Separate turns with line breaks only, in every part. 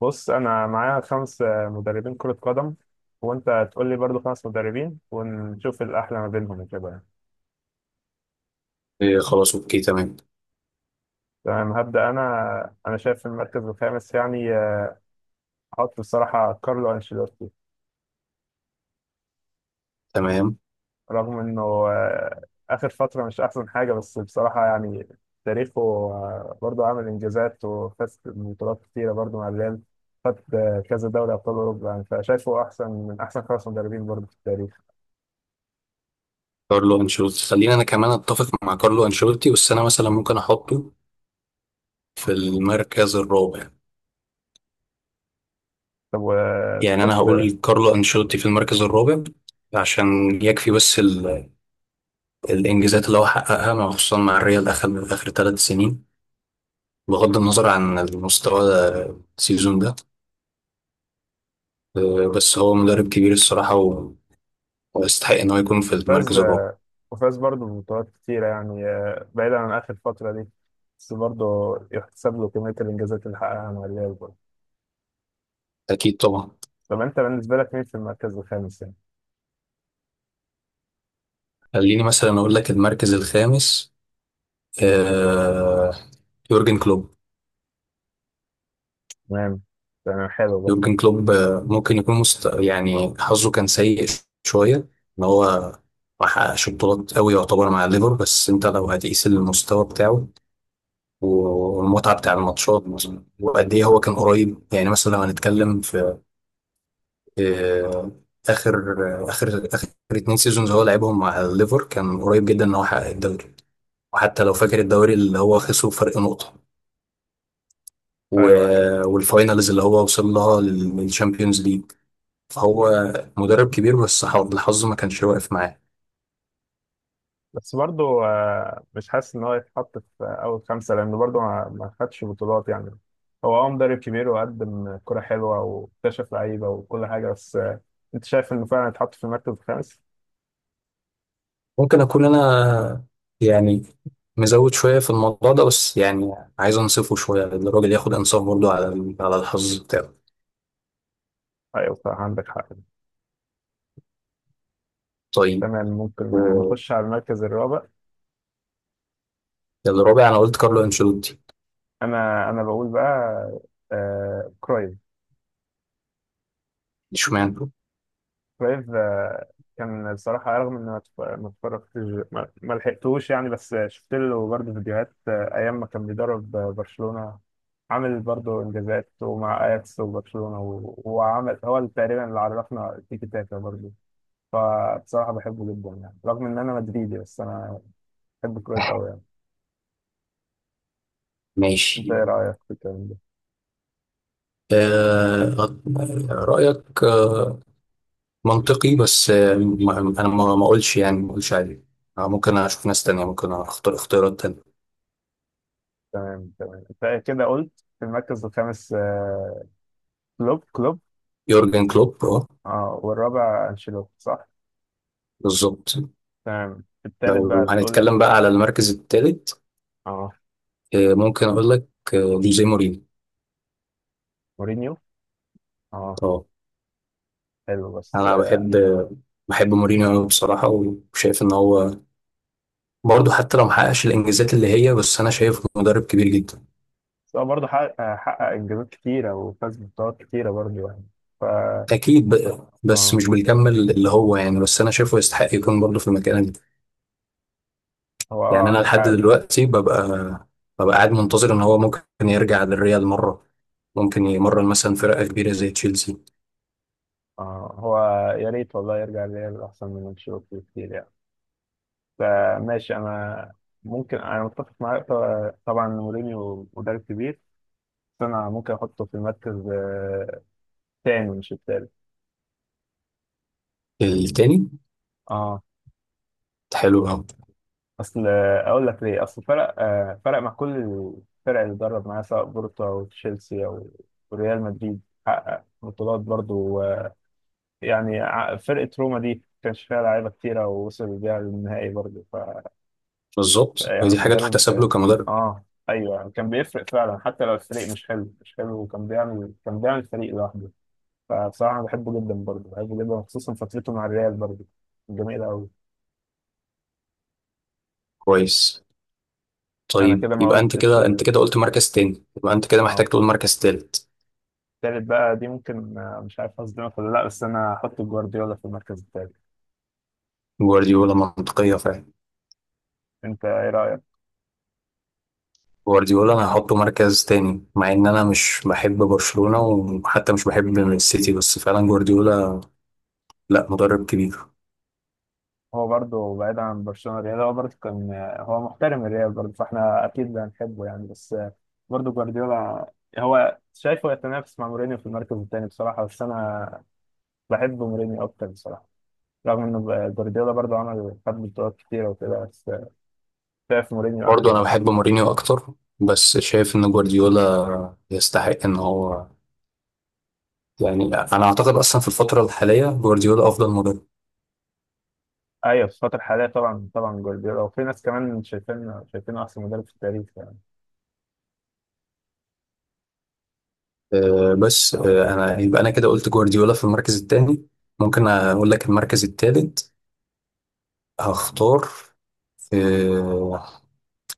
بص انا معايا خمس مدربين كرة قدم وانت تقول لي برضو خمس مدربين ونشوف الاحلى ما بينهم وكده يعني.
إيه خلاص اوكي تمام
تمام هبدأ انا شايف في المركز الخامس يعني احط بصراحة كارلو انشيلوتي
تمام.
رغم انه آه، اخر فترة مش احسن حاجة بس بصراحة يعني تاريخه برضو عامل انجازات وفاز ببطولات كتيرة برضو مع الريال. خد كذا دوري ابطال اوروبا يعني فشايفه احسن من احسن خمس مدربين برضو في التاريخ.
كارلو انشيلوتي، خلينا، انا كمان اتفق مع كارلو انشيلوتي، بس انا مثلا ممكن احطه في المركز الرابع.
طب
يعني انا
وتحط
هقول كارلو انشيلوتي في المركز الرابع عشان يكفي بس الانجازات اللي هو حققها خصوصا مع الريال اخر اخر 3 سنين، بغض النظر عن المستوى السيزون ده. بس هو مدرب كبير الصراحة ويستحق ان هو يكون في
وفاز
المركز الرابع.
وفاز برضه ببطولات كتيرة يعني بعيدا عن آخر فترة دي، بس برضه يحتسب له كمية الإنجازات اللي حققها مع الريال برضه.
اكيد طبعا.
طب أنت بالنسبة لك مين في المركز الخامس يعني؟
خليني مثلا اقول لك المركز الخامس، آه، يورجن كلوب.
تمام. تمام حلو برضه.
يورجن كلوب ممكن يكون يعني حظه كان سيء شوية، ان هو ما حققش بطولات قوي يعتبر مع الليفر، بس انت لو هتقيس المستوى بتاعه والمتعة بتاع الماتشات وقد ايه هو كان قريب. يعني مثلا لو هنتكلم في آه، اخر اخر 2 سيزونز هو لعبهم مع الليفر، كان قريب جدا ان هو يحقق الدوري، وحتى لو فاكر الدوري اللي هو خسره فرق نقطة و...
أيوه أيوه.
والفاينلز اللي هو وصل لها للشامبيونز ليج. هو مدرب كبير بس الحظ ما كانش واقف معاه.
بس برضه مش حاسس إن هو يتحط في أول خمسة لأنه برضه ما خدش بطولات يعني. هو أه مدرب كبير وقدم كرة حلوة واكتشف لعيبة وكل حاجة، بس أنت شايف إنه فعلا يتحط في المركز الخامس؟
ممكن اكون انا يعني مزود شويه في الموضوع ده، بس يعني عايز انصفه شويه لأن الراجل ياخد انصاف برضه على على الحظ بتاعه.
أيوه صح عندك حق.
طيب.
تمام، ممكن
و-
نخش على المركز الرابع.
الرابع انا قلت كارلو انشيلوتي.
انا بقول بقى آه كرايف.
اشمعنى؟
كرايف. كان بصراحة رغم اني ما اتفرجتش، ما لحقتوش يعني، بس شفت له برضه فيديوهات آه ايام ما كان بيدرب برشلونة. عامل برضه انجازات ومع اياكس وبرشلونة، وعمل هو اللي تقريبا اللي عرفنا التيكي تاكا برضه. فبصراحة بحبه جدا يعني رغم ان انا مدريدي بس انا بحب كرايف قوي يعني. انت
ماشي.
ايه رأيك في الكلام ده؟
آه، رايك آه منطقي، بس آه انا ما اقولش، يعني ما اقولش عليه. آه، ممكن اشوف ناس تانية، ممكن اختار اختيارات تانية.
تمام تمام. انت كده قلت في المركز الخامس كلوب.
يورجن كلوب، اه.
اه والرابع انشيلوتي صح.
بالظبط.
تمام. في التالت
لو
بقى تقول
هنتكلم
ان
بقى على المركز الثالث،
اه
ممكن اقول لك آه، جوزيه مورينيو.
مورينيو. اه
اه،
حلو بس
انا بحب، بحب مورينيو أوي بصراحه، وشايف ان هو برضه حتى لو محققش الانجازات اللي هي، بس انا شايفه مدرب كبير جدا.
بس هو برضه حقق حقق انجازات كتيره وفاز ببطولات كتيره برضه يعني ف.
اكيد بقى، بس
اه
مش بالكم اللي هو، يعني بس انا شايفه يستحق يكون برضه في المكان ده.
هو اه
يعني انا
عندك
لحد
حق ده.
دلوقتي ببقى، ببقى قاعد منتظر ان هو ممكن يرجع للريال مره، ممكن يمرن مثلا فرقه كبيره زي تشيلسي.
اه هو يا ريت والله يرجع للريال احسن من انشيلوتي كتير يعني. فماشي انا ممكن انا متفق معاك، طبعا مورينيو مدرب كبير، بس انا ممكن احطه في المركز تاني مش التالت.
التاني.
اه
حلو قوي.
اصل اقول لك ليه، اصل فرق فرق مع كل الفرق اللي درب معاها سواء بورتو او تشيلسي او ريال مدريد، حقق بطولات برضو يعني فرقة روما دي كانش فيها لعيبة كتيرة ووصل بيها للنهائي برضو ف.
بالظبط،
يعني
ودي حاجه تحتسب
مدرب
له كمدرب.
اه ايوه كان بيفرق فعلا حتى لو الفريق مش حلو، وكان بيعمل فريق لوحده. فبصراحة أنا بحبه جدا برضو، بحبه جدا خصوصا فترته مع الريال برضو جميلة أوي.
كويس.
أنا
طيب
كده ما
يبقى انت
قلتش.
كده، انت كده قلت مركز تاني، يبقى انت كده محتاج
اه.
تقول مركز تالت.
التالت بقى دي ممكن مش عارف هصدمك ولا لا، بس انا هحط جوارديولا في المركز التالت.
جوارديولا منطقية فعلا.
انت ايه رأيك؟
جوارديولا انا هحطه مركز تاني، مع ان انا مش بحب برشلونة وحتى مش بحب السيتي، بس فعلا جوارديولا، لا مدرب كبير.
هو برضه بعيد عن برشلونة الريال، هو برضه كان هو محترم الريال برضه فاحنا اكيد هنحبه يعني، بس برضه جوارديولا هو شايفه يتنافس مع مورينيو في المركز التاني بصراحة، بس انا بحب مورينيو اكتر بصراحة رغم ان جوارديولا برضه عمل خد بطولات كتيرة وكده، بس شايف مورينيو احلى
برضه انا
يعني.
بحب مورينيو اكتر، بس شايف ان جوارديولا يستحق ان هو، يعني انا اعتقد اصلا في الفترة الحالية جوارديولا افضل مدرب.
ايوه في الفترة الحالية طبعا طبعا جوارديولا، وفي ناس كمان شايفينه احسن مدرب في التاريخ يعني.
أه بس أه انا يبقى انا كده قلت جوارديولا في المركز التاني. ممكن اقول لك المركز التالت، هختار، آه،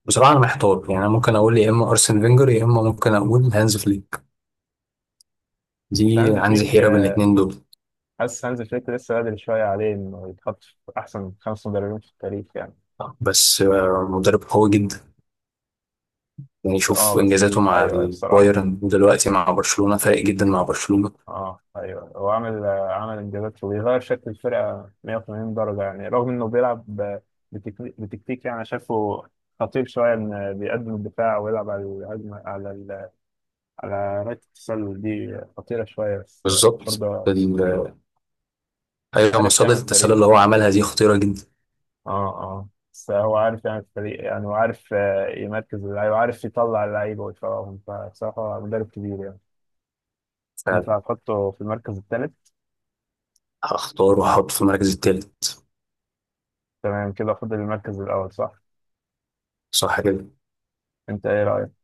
بصراحة أنا محتار، يعني أنا ممكن أقول يا إما أرسن فينجر يا إما ممكن أقول هانز فليك. دي،
هانز
عندي
فليك
حيرة بين الاتنين دول.
حاسس هانز فليك لسه بدري شوية عليه إنه يتحط في أحسن خمس مدربين في التاريخ يعني.
بس آه، مدرب قوي جدا، يعني
بس أه
شوف
بس
إنجازاته مع
أيوه أيوه بصراحة.
البايرن ودلوقتي مع برشلونة، فارق جدا مع برشلونة.
أه أيوه هو عامل إنجازات وبيغير شكل الفرقة 180 درجة يعني، رغم إنه بيلعب بتكتيك يعني شايفه خطير شوية إن بيقدم الدفاع ويلعب على الهجمة على على رايت التسلل دي خطيرة شوية، بس
بالظبط.
برضه
ال- آه، أيوة،
عارف
مصيدة
يعمل
التسلل
فريق.
اللي هو عملها دي خطيرة جدا.
اه اه بس هو عارف يعني الفريق يعني وعارف يمركز اللعيبه وعارف يطلع اللعيبه ويفرقهم، فبصراحه مدرب كبير يعني. انت
فعلا.
هتحطه في المركز الثالث.
هختار وأحط في المركز التالت.
تمام كده فاضل المركز الاول صح.
صح كده.
انت ايه رايك.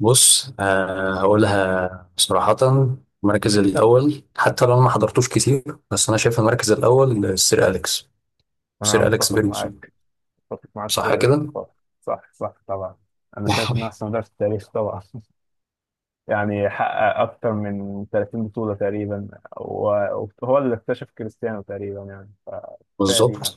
بص، آه هقولها صراحة، المركز الأول حتى لو أنا ما حضرتوش كتير، بس أنا شايف المركز الأول السير أليكس.
انا
سير أليكس
متفق
فيرجسون.
معاك، متفق معاك كل
صح كده؟
الاتفاق. صح صح طبعا. انا شايف
صح.
انه احسن مدرب في التاريخ طبعا يعني حقق اكتر من 30 بطوله تقريبا وهو اللي اكتشف كريستيانو تقريبا يعني فكفايه
بالظبط.
دي يعني.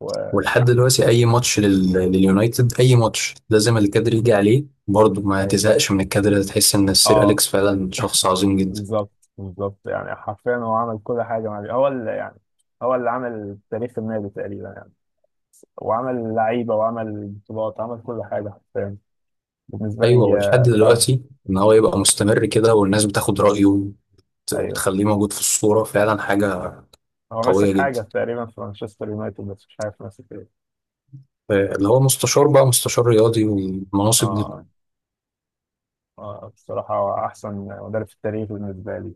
و...
ولحد دلوقتي أي ماتش لليونايتد، أي ماتش لازم الكادر يجي عليه برضه، ما
أيوة.
تزهقش من الكادر ده، تحس إن السير
اه
أليكس فعلا شخص عظيم جدا.
بالظبط بالظبط يعني حرفيا هو عمل كل حاجة مع النادي. هو اللي يعني هو اللي عمل تاريخ النادي تقريبا يعني، وعمل لعيبة وعمل بطولات عمل كل حاجة حرفيا بالنسبة
أيوه،
لي
ولحد
فعلا.
دلوقتي إن هو يبقى مستمر كده، والناس بتاخد رأيه
أيوه
وتخليه موجود في الصورة، فعلا حاجة
هو
قوية
ماسك
جدا.
حاجة تقريبا في مانشستر يونايتد بس مش عارف ماسك إيه.
اللي هو مستشار بقى، مستشار رياضي والمناصب دي.
آه بصراحة هو أحسن مدرب في التاريخ بالنسبة لي.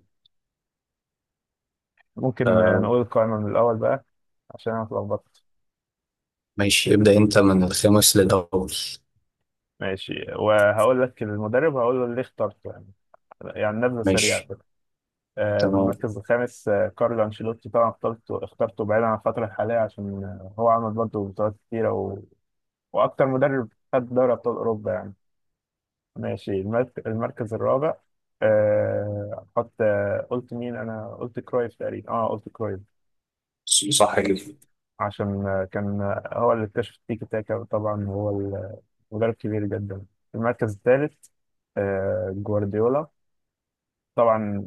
ممكن نقول القائمة من الأول بقى عشان أنا اتلخبطت.
ماشي. ابدأ انت من الخامس للأول.
ماشي وهقول لك المدرب وهقول له ليه اخترته يعني نبذة سريعة.
ماشي. تمام.
المركز الخامس كارلو أنشيلوتي طبعا، اخترته بعيدا عن الفترة الحالية عشان هو عمل برضه بطولات كتيرة وأكتر مدرب خد دوري أبطال أوروبا يعني. ماشي المركز الرابع أحط قلت مين، أنا قلت كرويف تقريبا، أه قلت كرويف
صح كده.
عشان كان هو اللي اكتشف التيكي تاكا طبعا، هو مدرب كبير جدا. المركز الثالث جوارديولا طبعا،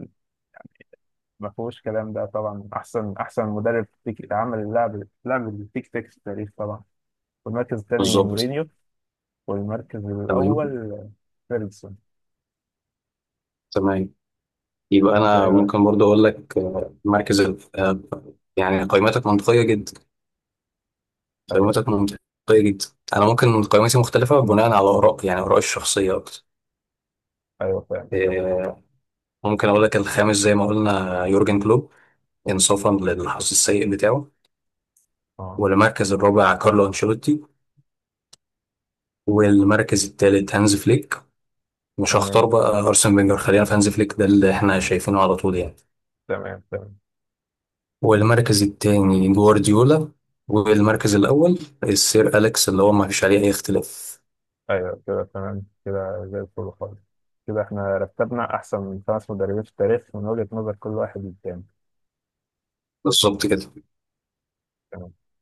ما فيهوش كلام ده طبعا، احسن مدرب عمل لعب التيك تاك في التاريخ طبعا. والمركز الثاني
بالظبط.
مورينيو، والمركز
تمام
الاول فيرجسون.
تمام. يبقى
انت
أنا
ايه رايك؟
ممكن برضه أقول لك آه، يعني قيمتك منطقية جدا.
ايوه
قيمتك منطقية جدا. أنا ممكن قيمتي مختلفة بناء على آراء، يعني آرائي الشخصية أكتر.
ايوه فاهم فاهم
آه، ممكن أقول لك الخامس زي ما قلنا يورجن كلوب، إنصافا للحظ السيء بتاعه.
اه
والمركز الرابع كارلو أنشيلوتي. والمركز الثالث هانز فليك، مش هختار
تمام
بقى ارسن فينجر، خلينا في هانز فليك ده اللي احنا شايفينه على طول يعني.
تمام تمام
والمركز الثاني جوارديولا. والمركز الاول السير اليكس، اللي هو ما فيش عليه اي اختلاف.
ايوه كده تمام كده زي الفل خالص. كده احنا رتبنا احسن خمس مدربين في التاريخ من وجهة نظر كل واحد للتاني.
بالظبط كده.